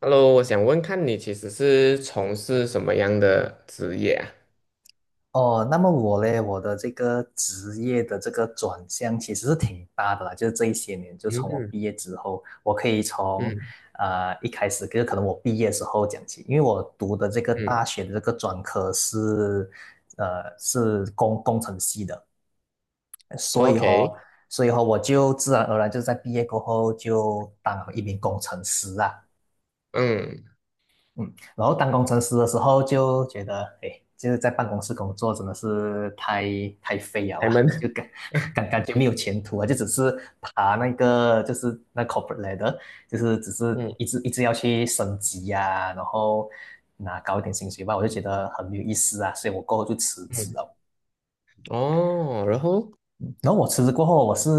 Hello，我想问看你其实是从事什么样的职业啊？哦，那么我嘞，我的这个职业的这个转向其实是挺大的啦，就是这一些年，就从我嗯毕业之后，我可以从，嗯一开始就是可能我毕业的时候讲起，因为我读的这个嗯大学的这个专科是，是工程系的，所以哦，，OK。所以哦，我就自然而然就在毕业过后就当了一名工程师啊。嗯，嗯，然后当工程师的时候就觉得，哎，就是在办公室工作真的是太废了开啊，门。感觉没有前途啊，就只是爬那个就是那 corporate ladder，就是只是嗯一直一直要去升级呀、然后拿高一点薪水吧，我就觉得很没有意思啊，所以我过后就辞职嗯。了。哦，然后然后我辞职过后，我是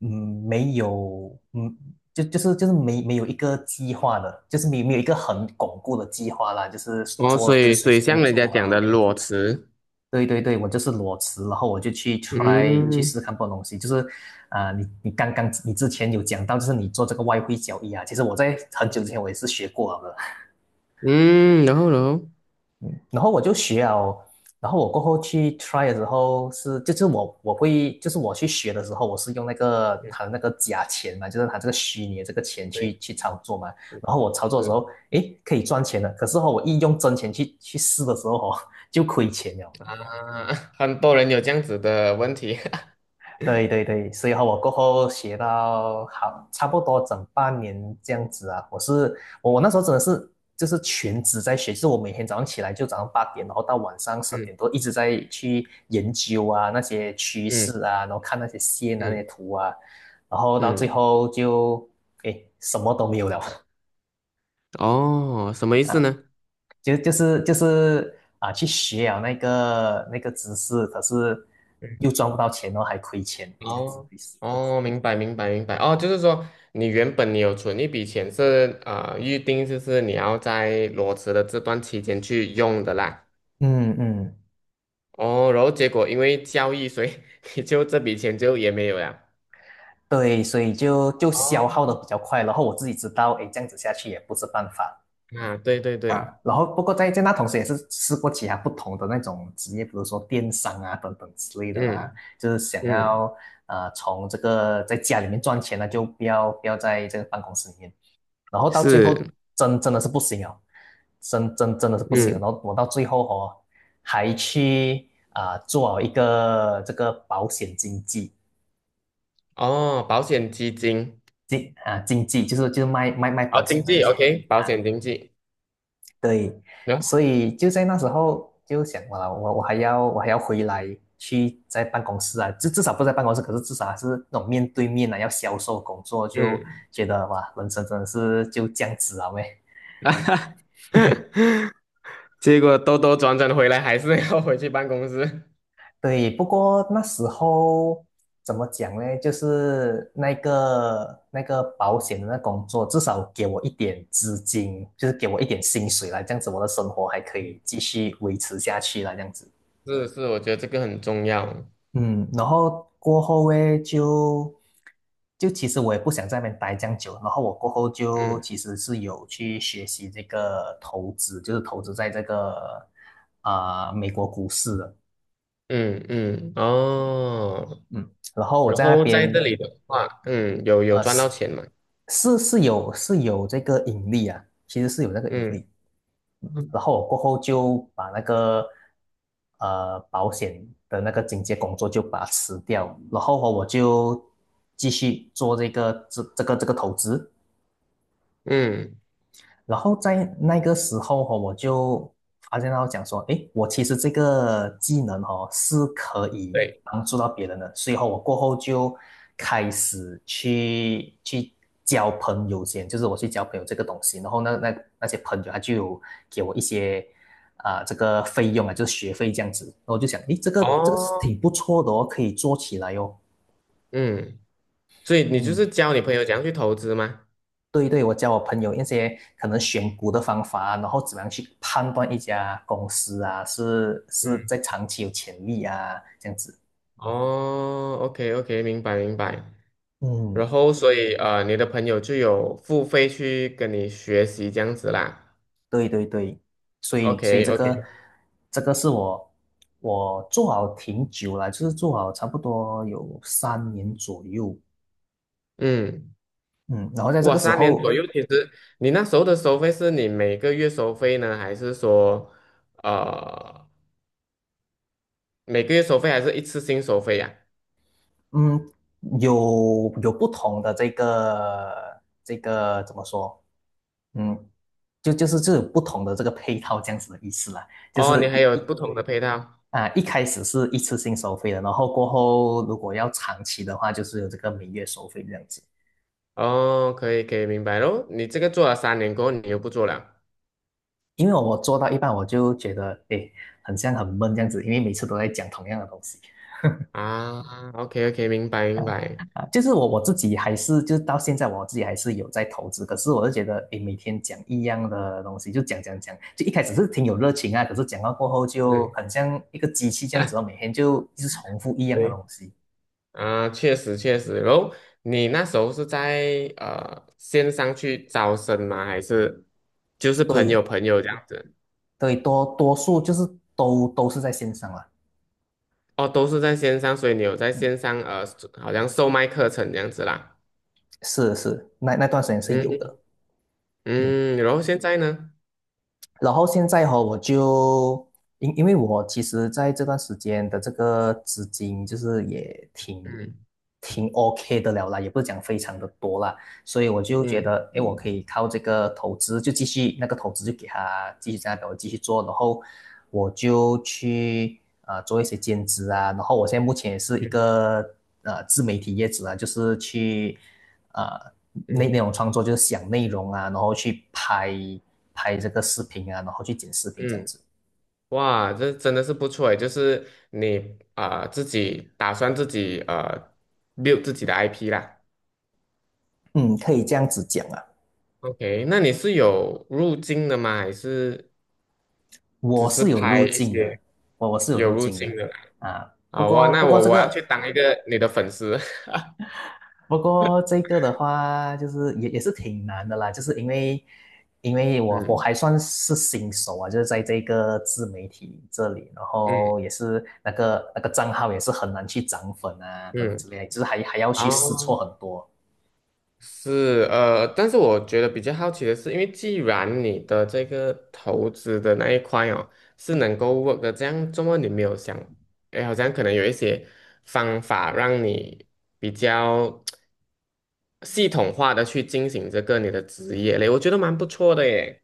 嗯没有就是没有一个计划的，就是没有一个很巩固的计划啦，就是哦，做所就以随随便像人家做讲的啊。裸辞。对对对，我就是裸辞，然后我就去 try 去试嗯试看不同东西。就是啊、你你刚刚你之前有讲到，就是你做这个外汇交易啊，其实我在很久之前我也是学过了嗯。然后，然后我就学哦，然后我过后去 try 的时候是，就是我会，就是我去学的时候，我是用那个嗯，他的那个假钱嘛，就是他这个虚拟的这个钱去对，去操作嘛。嗯然后我操作的时是候，诶，可以赚钱的，可是哦，我一用真钱去试的时候哦，就亏钱了。啊。很多人有这样子的问题。对对对，所以和我过后学到好差不多整半年这样子啊。我是我我那时候真的是就是全职在学，就是我每天早上起来就早上8点，然后到晚上 十嗯点多一直在去研究啊那些趋嗯势啊，然后看那些线啊那嗯些图啊，然后到最嗯，后就诶什么都没有了，哦，什么意思呢？就是啊去学啊那个知识，可是又赚不到钱哦，还亏钱这样子哦的意思哦，明白哦，就是说你原本你有存一笔钱是啊、预定就是你要在裸辞的这段期间去用的啦。嗯嗯。哦，然后结果因为交易，所以 你就这笔钱就也没有了。对，所以就消哦，耗的比较快，然后我自己知道，哎，这样子下去也不是办法啊，对对对，啊。然后不过在那同时也是试过其他不同的那种职业，比如说电商啊等等之类的啦，嗯就是想嗯，要从这个在家里面赚钱呢，就不要在这个办公室里面。然后到最后是，真的是不行哦，真的是不行了嗯。然后我到最后哦，还去啊、做好一个这个保险经纪。哦，保险基金。经济就是卖哦，保经险的那济些，OK，保啊，险经济。对，嗯所以就在那时候就想，哇，我还要回来去在办公室啊，至少不在办公室，可是至少还是那种面对面啊，要销售工作，就嗯。觉得哇，人生真的是就这样子啊喂。啊哈哈，结果兜兜转转回来还是要回去办公室。对，不过那时候怎么讲呢？就是那个保险的那工作，至少给我一点资金，就是给我一点薪水啦，这样子我的生活还可以继续维持下去啦，这样子。是是，我觉得这个很重要。嗯，然后过后呢，就其实我也不想在那边待这样久，然后我过后就嗯其实是有去学习这个投资，就是投资在这个啊、美国股市的。嗯嗯。哦，嗯，然后我然在那后在这边里的话，嗯，有有赚是到钱嘛？是是有是有这个引力啊，其实是有那个引嗯力。嗯然后我过后就把那个保险的那个警戒工作就把它辞掉，然后哦我就继续做这个投资，嗯，然后在那个时候哈、我就发现到讲说，诶，我其实这个技能哦是可以对，帮助到别人的，所以哦我过后就开始去交朋友先，就是我去交朋友这个东西，然后那些朋友他就有给我一些啊、这个费用啊，就是学费这样子，然后我就想，诶，这个是哦，挺不错的哦，可以做起来哦，嗯，所以你就嗯。是教你朋友怎样去投资吗？对对，我教我朋友一些可能选股的方法，然后怎么样去判断一家公司啊，是嗯。在长期有潜力啊，这样子。哦，OK OK，明白明白。然嗯后所以，你的朋友就有付费去跟你学习这样子啦。对对对，所以 OK 所以这个 OK。这个是我做好挺久了，就是做好差不多有3年左右，嗯。嗯，然后在这哇，个时三年左候，右，其实你那时候的收费是你每个月收费呢，还是说，呃，每个月收费还是一次性收费呀、嗯，有不同的这个怎么说，嗯，就是这种不同的这个配套这样子的意思啦，就哦，你是还一有一不同的配套。啊一开始是一次性收费的，然后过后如果要长期的话，就是有这个每月收费这样子。哦，可以可以，明白咯。你这个做了三年过后，你又不做了因为我做到一半，我就觉得诶，很像很闷这样子，因为每次都在讲同样的东西啊？OK OK，明白啊明白。啊，就是我自己还是就是到现在我自己还是有在投资，可是我就觉得诶，每天讲一样的东西，就讲讲讲，就一开始是挺有热情啊，可是讲到过后就嗯。很像一个机器这样子哦，每天就一直重复一样的对东西。啊，确实确实。然后你那时候是在线上去招生吗？还是就是朋友对，朋友这样子？对，多数就是都是在线上了。哦，都是在线上，所以你有在嗯，线上好像售卖课程这样子啦。是是，那段时间是有嗯的。嗯嗯。然后现在呢？然后现在哈、我就因为我其实在这段时间的这个资金就是也挺嗯挺 OK 的了啦，也不是讲非常的多啦，所以我就觉嗯得，诶，我可以靠这个投资就继续那个投资就给他继续在那边我继续做，然后我就去做一些兼职啊，然后我现在目前也是一嗯个自媒体业主啊，就是去。啊，内嗯容创作，就是想内容啊，然后去拍这个视频啊，然后去剪视频这样嗯，子。哇，这真的是不错诶，就是你啊、自己打算自己build 自己的 IP 啦。嗯，可以这样子讲啊，OK，那你是有入境的吗？还是只我是是有拍路一径的，些我是有有路入径境的的啦？啊。不好哇，过不那过我这我要个去当一个你的粉丝。不过这个的话，就是也是挺难的啦，就是因为我嗯还算是新手啊，就是在这个自媒体这里，然嗯后也是那个账号也是很难去涨粉啊等等嗯。之类的就是还要去试好。错很多。是，但是我觉得比较好奇的是，因为既然你的这个投资的那一块哦是能够 work 的，这样怎么你没有想，哎，好像可能有一些方法让你比较系统化的去进行这个你的职业嘞，我觉得蛮不错的耶。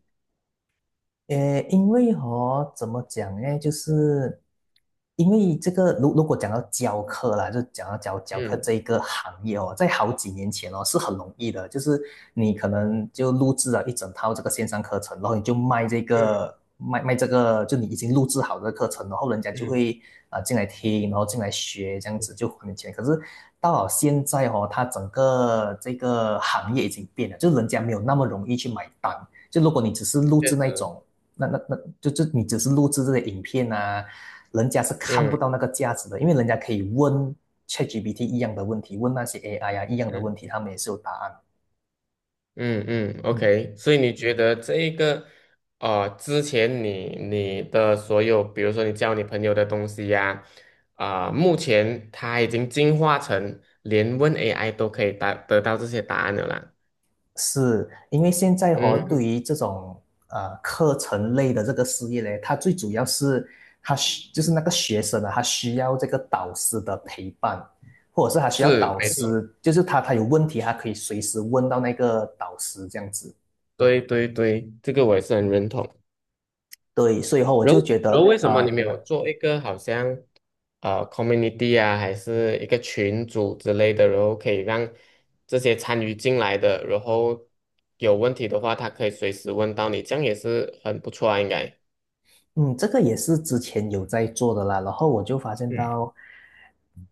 因为哦，怎么讲呢？就是因为这个，如果讲到教课啦，就讲到教课嗯这一个行业哦，在好几年前哦是很容易的，就是你可能就录制了一整套这个线上课程，然后你就卖这嗯个卖卖这个，就你已经录制好的课程，然后人家就嗯，会啊、进来听，然后进来学，这样子就还你钱。可是到了现在哦，它整个这个行业已经变了，就人家没有那么容易去买单。就如果你只是录确制那实，种那那那就就你只是录制这些影片啊，人家是看不嗯到那个价值的，因为人家可以问 ChatGPT 一样的问题，问那些 AI 啊一样的问嗯。题，他们也是有答案。嗯嗯嗯，，OK，所以你觉得这一个，之前你的所有，比如说你教你朋友的东西呀，啊、目前它已经进化成连问 AI 都可以答得到这些答案了啦。是因为现在和、哦、对嗯，于这种课程类的这个事业呢，它最主要是就是那个学生啊，他需要这个导师的陪伴。或者是他需要是，导没错，师，就是他有问题，他可以随时问到那个导师这样子。对对对，这个我也是很认同。对，所以后我然就后觉然得，后为什么你没有做一个好像？Community 啊，还是一个群组之类的，然后可以让这些参与进来的，然后有问题的话，他可以随时问到你，这样也是很不错啊，应该。这个也是之前有在做的啦，然后我就发现嗯，到，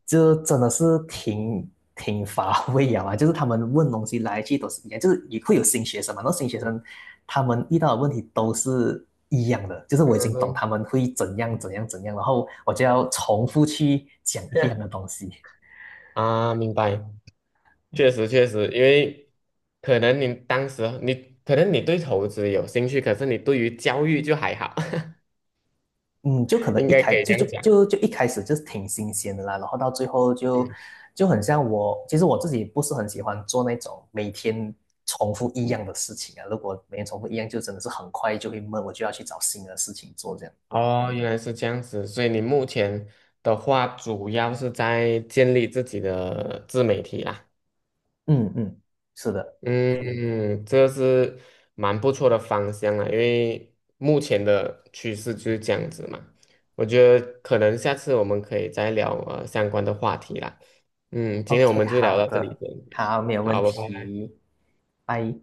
这真的是挺乏 味啊，就是他们问东西来去都是一样，就是也会有新学生嘛，那新学生他们遇到的问题都是一样的，就是我已经懂嗯。他们会怎样怎样怎样，然后我就要重复去讲这一样样，的东西。啊，明白，确实确实，因为可能你当时你可能你对投资有兴趣，可是你对于教育就还好。嗯，就可能应一该开可以这就就样讲。就就一开始就是挺新鲜的啦，然后到最后就嗯。就很像我，其实我自己不是很喜欢做那种每天重复一样的事情啊。如果每天重复一样，就真的是很快就会闷，我就要去找新的事情做这样。哦，原来是这样子，所以你目前的话主要是在建立自己的自媒体啦。嗯嗯，是的。嗯，这是蛮不错的方向啊，因为目前的趋势就是这样子嘛。我觉得可能下次我们可以再聊相关的话题啦。嗯，今天我 OK，们就聊好到这里的，先。好，没有问好，拜拜。题，拜。